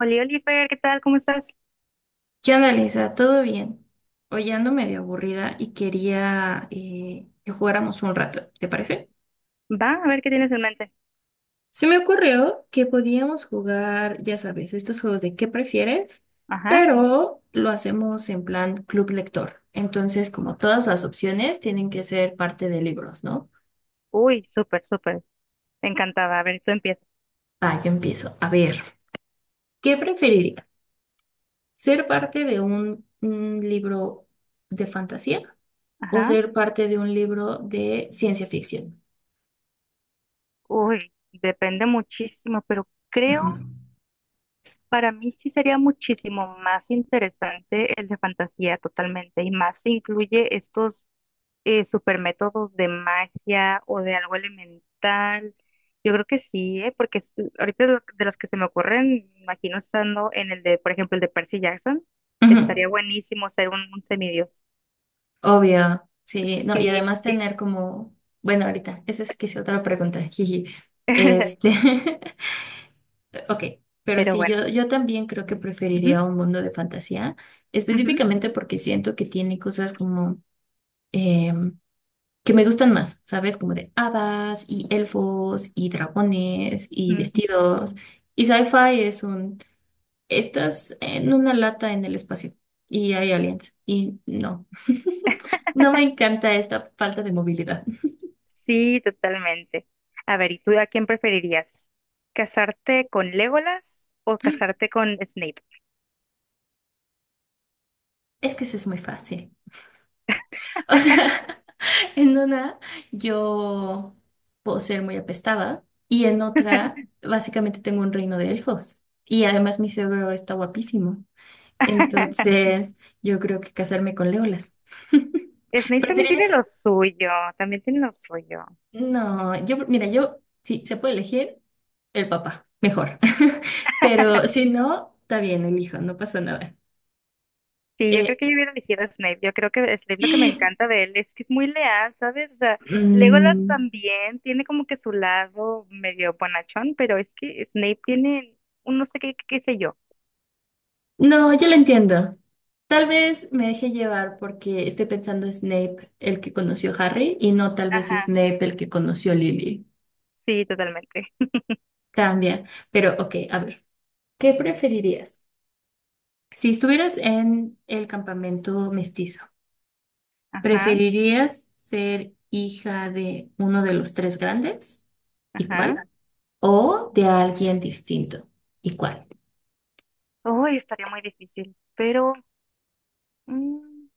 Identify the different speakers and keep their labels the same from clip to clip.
Speaker 1: Oliver, ¿qué tal? ¿Cómo estás?
Speaker 2: ¿Qué onda, Lisa? ¿Todo bien? Hoy ando medio aburrida y quería que jugáramos un rato, ¿te parece?
Speaker 1: Va, a ver qué tienes en mente.
Speaker 2: Se me ocurrió que podíamos jugar, ya sabes, estos juegos de ¿qué prefieres?
Speaker 1: Ajá.
Speaker 2: Pero lo hacemos en plan club lector. Entonces, como todas las opciones tienen que ser parte de libros, ¿no?
Speaker 1: Uy, súper, súper. Encantada. A ver, tú empieza.
Speaker 2: Va, yo empiezo. A ver, ¿qué preferiría? ¿Ser parte de un libro de fantasía o
Speaker 1: Ajá.
Speaker 2: ser parte de un libro de ciencia ficción?
Speaker 1: Uy, depende muchísimo, pero creo
Speaker 2: Ujú.
Speaker 1: para mí sí sería muchísimo más interesante el de fantasía totalmente. Y más si incluye estos super métodos de magia o de algo elemental. Yo creo que sí, ¿eh? Porque ahorita de los que se me ocurren, imagino estando en el de, por ejemplo, el de Percy Jackson,
Speaker 2: Ujú.
Speaker 1: estaría buenísimo ser un semidios.
Speaker 2: Obvio, sí, no, y
Speaker 1: Sí,
Speaker 2: además
Speaker 1: sí.
Speaker 2: tener como, bueno, ahorita, esa es que es otra pregunta, jiji. Este, ok, pero
Speaker 1: Pero
Speaker 2: sí,
Speaker 1: bueno.
Speaker 2: yo también creo que
Speaker 1: Ujú,
Speaker 2: preferiría un mundo de fantasía,
Speaker 1: ujú,
Speaker 2: específicamente porque siento que tiene cosas como eh, que me gustan más, ¿sabes? Como de hadas y elfos y dragones y
Speaker 1: mm.
Speaker 2: vestidos. Y sci-fi estás en una lata en el espacio y hay aliens y no. No me encanta esta falta de movilidad.
Speaker 1: Sí, totalmente. A ver, ¿y tú a quién preferirías? ¿Casarte con Legolas o casarte con Snape?
Speaker 2: Es que eso es muy fácil. O sea, en una yo puedo ser muy apestada y en otra básicamente tengo un reino de elfos. Y además mi suegro está guapísimo. Entonces yo creo que casarme con Leolas.
Speaker 1: Snape también
Speaker 2: Preferiría.
Speaker 1: tiene lo suyo, también tiene lo suyo.
Speaker 2: No, yo, mira, yo, si se puede elegir, el papá, mejor. Pero si no, está bien, elijo, no pasa nada.
Speaker 1: Sí, yo creo
Speaker 2: Eh,
Speaker 1: que yo hubiera elegido a Snape. Yo creo que Snape lo que me encanta de él es que es muy leal, ¿sabes? O sea, Legolas
Speaker 2: mm,
Speaker 1: también tiene como que su lado medio bonachón, pero es que Snape tiene un no sé qué, qué, qué sé yo.
Speaker 2: No, yo lo entiendo. Tal vez me deje llevar porque estoy pensando Snape el que conoció Harry y no tal vez Snape el que conoció Lily.
Speaker 1: Sí, totalmente.
Speaker 2: Cambia. Pero ok, a ver, ¿qué preferirías? Si estuvieras en el campamento mestizo,
Speaker 1: Ajá,
Speaker 2: ¿preferirías ser hija de uno de los tres grandes? ¿Y
Speaker 1: ajá.
Speaker 2: cuál? ¿O de alguien distinto? ¿Y cuál?
Speaker 1: Uy, estaría muy difícil, pero mm,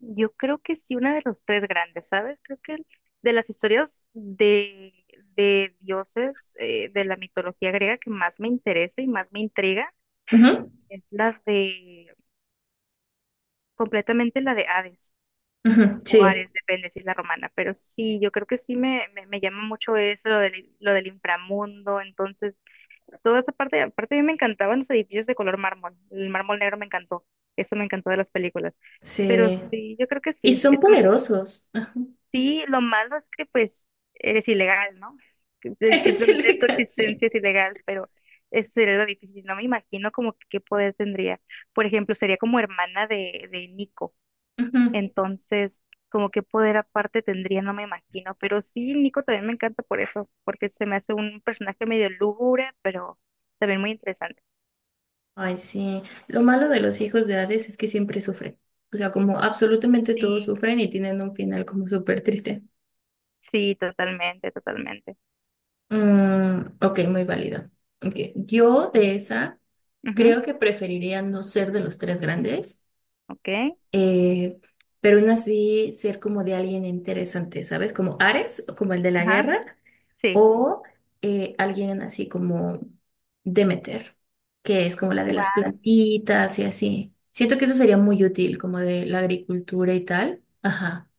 Speaker 1: yo creo que sí, una de los tres grandes, ¿sabes? Creo que de las historias de dioses de la mitología griega que más me interesa y más me intriga
Speaker 2: Ujú.
Speaker 1: es completamente la de Hades
Speaker 2: Ujú.
Speaker 1: o
Speaker 2: Sí,
Speaker 1: Ares, depende si es la romana, pero sí, yo creo que sí me llama mucho eso, lo del inframundo. Entonces toda esa parte, aparte a mí me encantaban los edificios de color mármol, el mármol negro me encantó, eso me encantó de las películas, pero
Speaker 2: sí.
Speaker 1: sí, yo creo que
Speaker 2: Y
Speaker 1: sí,
Speaker 2: son poderosos.
Speaker 1: sí, lo malo es que pues eres ilegal, ¿no? Que- que
Speaker 2: Ese
Speaker 1: simplemente
Speaker 2: le
Speaker 1: tu
Speaker 2: cansé.
Speaker 1: existencia es ilegal, pero eso sería lo difícil, no me imagino como que qué poder tendría, por ejemplo, sería como hermana de Nico,
Speaker 2: Ujú.
Speaker 1: entonces. Como qué poder aparte tendría, no me imagino. Pero sí, Nico también me encanta por eso, porque se me hace un personaje medio lúgubre, pero también muy interesante.
Speaker 2: Ay, sí. Lo malo de los hijos de Hades es que siempre sufren. O sea, como absolutamente todos
Speaker 1: Sí,
Speaker 2: sufren y tienen un final como súper triste.
Speaker 1: sí, totalmente, totalmente.
Speaker 2: Ok, muy válido. Ok, yo de esa
Speaker 1: Ujú.
Speaker 2: creo que preferiría no ser de los tres grandes,
Speaker 1: Ok.
Speaker 2: eh, pero aún así ser como de alguien interesante, ¿sabes? Como Ares, o como el de la
Speaker 1: Ajá.
Speaker 2: guerra,
Speaker 1: Sí.
Speaker 2: o alguien así como Demeter, que es como la de las
Speaker 1: Guau.
Speaker 2: plantitas y así. Siento que eso sería muy útil, como de la agricultura y tal. Ajá.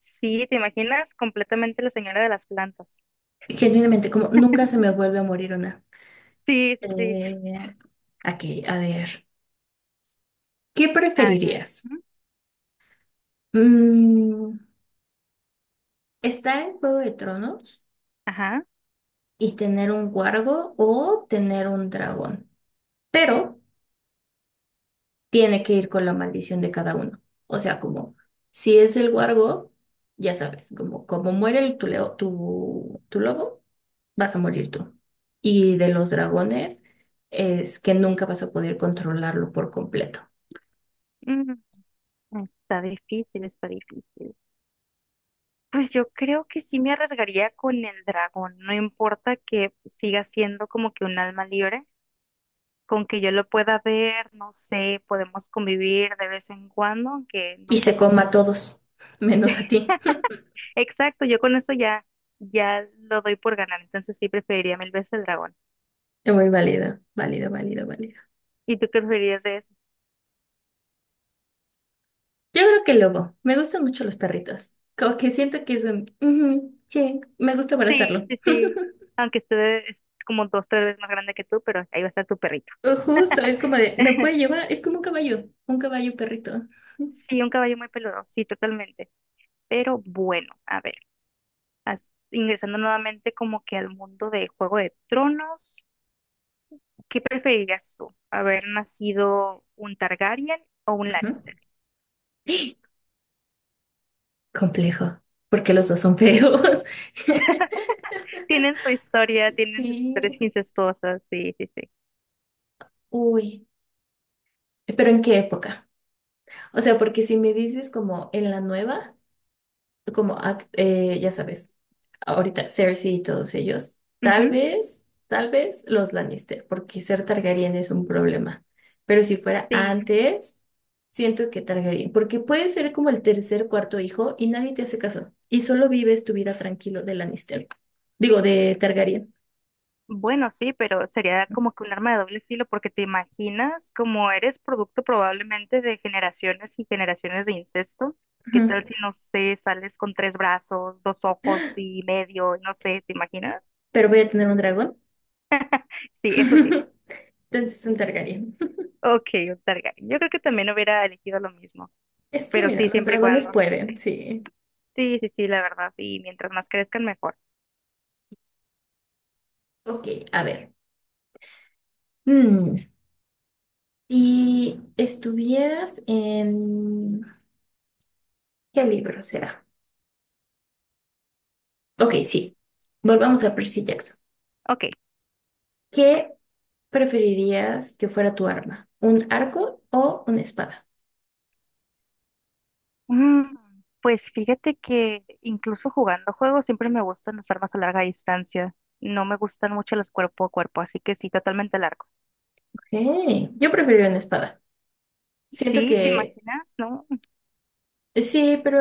Speaker 1: Sí, ¿te imaginas? Completamente la señora de las plantas.
Speaker 2: Genuinamente, como nunca se me vuelve a morir una.
Speaker 1: Sí, sí, sí.
Speaker 2: Eh, aquí, a ver. ¿Qué
Speaker 1: A ver.
Speaker 2: preferirías?
Speaker 1: Ujú.
Speaker 2: Mm, ¿Estar en Juego de Tronos
Speaker 1: Ajá.
Speaker 2: y tener un guargo o tener un dragón? Pero tiene que ir con la maldición de cada uno. O sea, como si es el guargo, ya sabes, como muere el, tu, leo- tu lobo, vas a morir tú. Y de los dragones es que nunca vas a poder controlarlo por completo.
Speaker 1: Mm. Está difícil, está difícil. Pues yo creo que sí me arriesgaría con el dragón. No importa que siga siendo como que un alma libre, con que yo lo pueda ver, no sé, podemos convivir de vez en cuando, aunque
Speaker 2: Y
Speaker 1: no sea
Speaker 2: se coma a
Speaker 1: completamente.
Speaker 2: todos, menos a ti.
Speaker 1: Exacto, yo con eso ya, ya lo doy por ganar, entonces sí preferiría mil veces el dragón.
Speaker 2: Es muy válido, válido, válido, válido.
Speaker 1: ¿Y tú qué preferirías de eso?
Speaker 2: Yo creo que el lobo. Me gustan mucho los perritos. Como que siento que es un. Ujú, sí, me gusta
Speaker 1: Sí,
Speaker 2: abrazarlo.
Speaker 1: sí, sí, aunque esté es como dos, tres veces más grande que tú, pero ahí va a estar tu perrito.
Speaker 2: Justo, es como de, me puede llevar, es como un caballo perrito.
Speaker 1: Sí, un caballo muy peludo, sí, totalmente. Pero bueno, a ver, ingresando nuevamente como que al mundo de Juego de Tronos, ¿qué preferirías tú? ¿Haber nacido un Targaryen o un
Speaker 2: Ujú.
Speaker 1: Lannister?
Speaker 2: Complejo, porque los dos son feos.
Speaker 1: Tienen su historia, tienen sus historias
Speaker 2: Sí,
Speaker 1: incestuosas, sí, sí, sí.
Speaker 2: uy, pero ¿en qué época? O sea, porque si me dices como en la nueva, como, ya sabes, ahorita Cersei y todos ellos,
Speaker 1: Ujú.
Speaker 2: tal vez los Lannister, porque ser Targaryen es un problema. Pero si fuera
Speaker 1: Sí.
Speaker 2: antes, siento que Targaryen, porque puedes ser como el tercer, cuarto hijo y nadie te hace caso y solo vives tu vida tranquilo de Lannister. Digo, de Targaryen.
Speaker 1: Bueno, sí, pero sería como que un arma de doble filo porque te imaginas como eres producto probablemente de generaciones y generaciones de incesto. ¿Qué
Speaker 2: Ujú.
Speaker 1: tal si, no sé, sales con tres brazos, dos ojos y medio? No sé, ¿te imaginas?
Speaker 2: Pero voy a tener un dragón.
Speaker 1: Sí, eso sí.
Speaker 2: Entonces un Targaryen.
Speaker 1: Ok, un Targaryen. Yo creo que también hubiera elegido lo mismo,
Speaker 2: Es que
Speaker 1: pero
Speaker 2: mira,
Speaker 1: sí,
Speaker 2: los
Speaker 1: siempre y
Speaker 2: dragones
Speaker 1: cuando.
Speaker 2: pueden, sí.
Speaker 1: Sí, sí, sí, la verdad. Y mientras más crezcan, mejor.
Speaker 2: Ok, a ver. Mm. Si estuvieras en. ¿Qué libro será? Ok, sí. Volvamos a Percy Jackson.
Speaker 1: Ok.
Speaker 2: ¿Qué preferirías que fuera tu arma? ¿Un arco o una espada?
Speaker 1: Mm. Pues fíjate que incluso jugando juegos siempre me gustan las armas a larga distancia. No me gustan mucho los cuerpo a cuerpo, así que sí, totalmente largo.
Speaker 2: Ok, yo preferiría una espada. Siento
Speaker 1: Sí, ¿te
Speaker 2: que.
Speaker 1: imaginas? ¿No?
Speaker 2: Sí, pero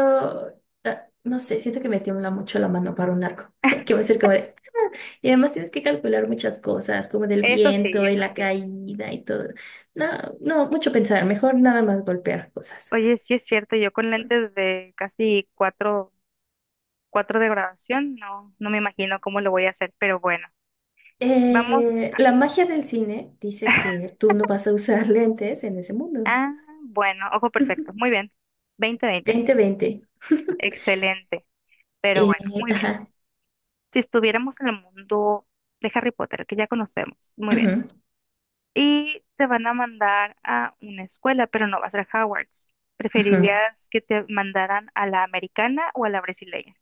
Speaker 2: no sé, siento que me tiembla mucho la mano para un arco. Que va a ser como de- Y además tienes que calcular muchas cosas, como del
Speaker 1: Eso sí,
Speaker 2: viento y
Speaker 1: eso
Speaker 2: la
Speaker 1: sí.
Speaker 2: caída y todo. No, no, mucho pensar. Mejor nada más golpear cosas.
Speaker 1: Oye, sí es cierto, yo con lentes de casi cuatro, cuatro de graduación, no, no me imagino cómo lo voy a hacer, pero bueno, vamos.
Speaker 2: La magia del cine dice que tú no vas a usar lentes en ese mundo.
Speaker 1: Ah, bueno, ojo perfecto, muy bien. 20/20,
Speaker 2: 20/20.
Speaker 1: excelente, pero
Speaker 2: Eh,
Speaker 1: bueno, muy bien.
Speaker 2: ajá.
Speaker 1: Si estuviéramos en el mundo de Harry Potter, que ya conocemos, muy bien.
Speaker 2: Ujú,
Speaker 1: Y te van a mandar a una escuela, pero no va a ser Hogwarts.
Speaker 2: ujú.
Speaker 1: ¿Preferirías que te mandaran a la americana o a la brasileña?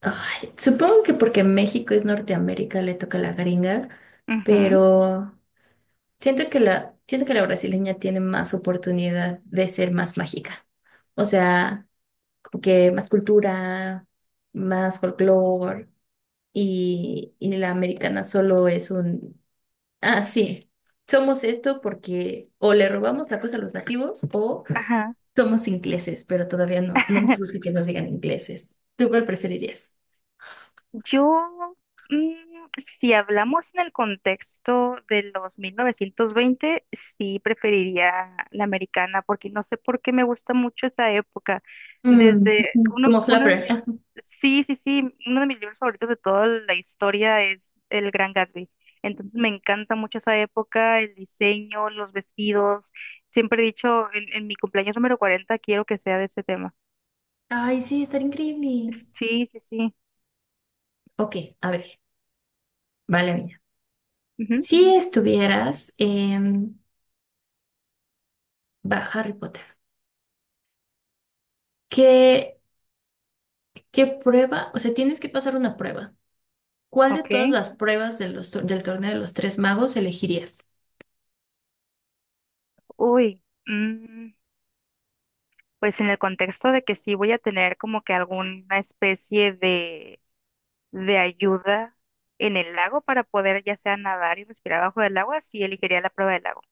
Speaker 2: Ay, supongo que porque México es Norteamérica le toca a la gringa,
Speaker 1: Ujú.
Speaker 2: pero siento que la brasileña tiene más oportunidad de ser más mágica. O sea, como que más cultura, más folclore, y la americana solo es un. Así, somos esto porque o le robamos la cosa a los nativos o
Speaker 1: Ajá.
Speaker 2: somos ingleses, pero todavía no, no nos gusta que nos digan ingleses. ¿Tú cuál preferirías?
Speaker 1: Yo, mm, si hablamos en el contexto de los 1920, sí preferiría la americana, porque no sé por qué me gusta mucho esa época.
Speaker 2: Mm,
Speaker 1: Desde
Speaker 2: ujú.
Speaker 1: uno,
Speaker 2: Como
Speaker 1: uno de
Speaker 2: flapper.
Speaker 1: mis,
Speaker 2: Ajá.
Speaker 1: sí, sí, sí, uno de mis libros favoritos de toda la historia es El Gran Gatsby. Entonces me encanta mucho esa época, el diseño, los vestidos. Siempre he dicho, en mi cumpleaños número 40 quiero que sea de ese tema.
Speaker 2: Ay, sí, estaría increíble.
Speaker 1: Sí, sí, sí.
Speaker 2: Ok, a ver, vale, mía.
Speaker 1: Ujú.
Speaker 2: Si estuvieras en Harry Potter, ¿qué, qué prueba? O sea, tienes que pasar una prueba. ¿Cuál de
Speaker 1: Ok.
Speaker 2: todas las pruebas de los del torneo de los tres magos elegirías?
Speaker 1: Uy. mm, pues en el contexto de que sí voy a tener como que alguna especie de ayuda en el lago para poder ya sea nadar y respirar bajo del agua, sí elegiría la prueba del lago,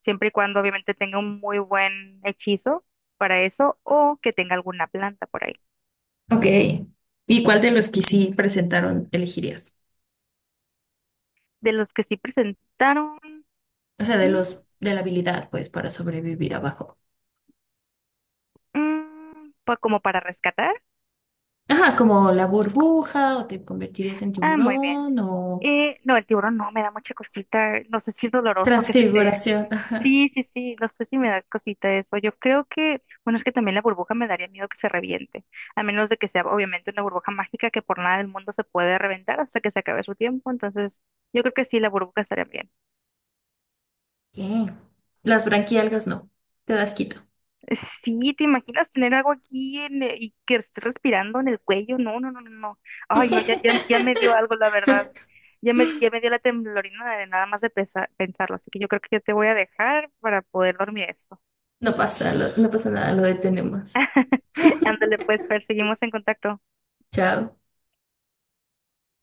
Speaker 1: siempre y cuando obviamente tenga un muy buen hechizo para eso o que tenga alguna planta por ahí.
Speaker 2: Ok. ¿Y cuál de los que sí presentaron elegirías?
Speaker 1: De los que sí presentaron,
Speaker 2: O sea, de
Speaker 1: mm,
Speaker 2: los de la habilidad, pues, para sobrevivir abajo.
Speaker 1: como para rescatar,
Speaker 2: Ajá, como la burbuja, o te convertirías en
Speaker 1: ah, muy bien.
Speaker 2: tiburón, o
Speaker 1: No, el tiburón no, me da mucha cosita. No sé si es doloroso que se te.
Speaker 2: transfiguración.
Speaker 1: Sí, sí, sí, no sé si me da cosita eso. Yo creo que, bueno, es que también la burbuja me daría miedo que se reviente, a menos de que sea obviamente una burbuja mágica que por nada del mundo se puede reventar hasta que se acabe su tiempo. Entonces, yo creo que sí, la burbuja estaría bien.
Speaker 2: ¿Qué? Las branquialgas no. Te das quito.
Speaker 1: Sí, ¿te imaginas tener algo aquí y que estés respirando en el cuello? No, no, no, no, no. Ay, no, ya, ya, ya me dio algo, la verdad. Ya me dio la temblorina de nada más de pensarlo, así que yo creo que ya te voy a dejar para poder dormir eso.
Speaker 2: No pasa, no pasa nada, lo detenemos.
Speaker 1: Ándale, pues, Fer, seguimos en contacto.
Speaker 2: Chao.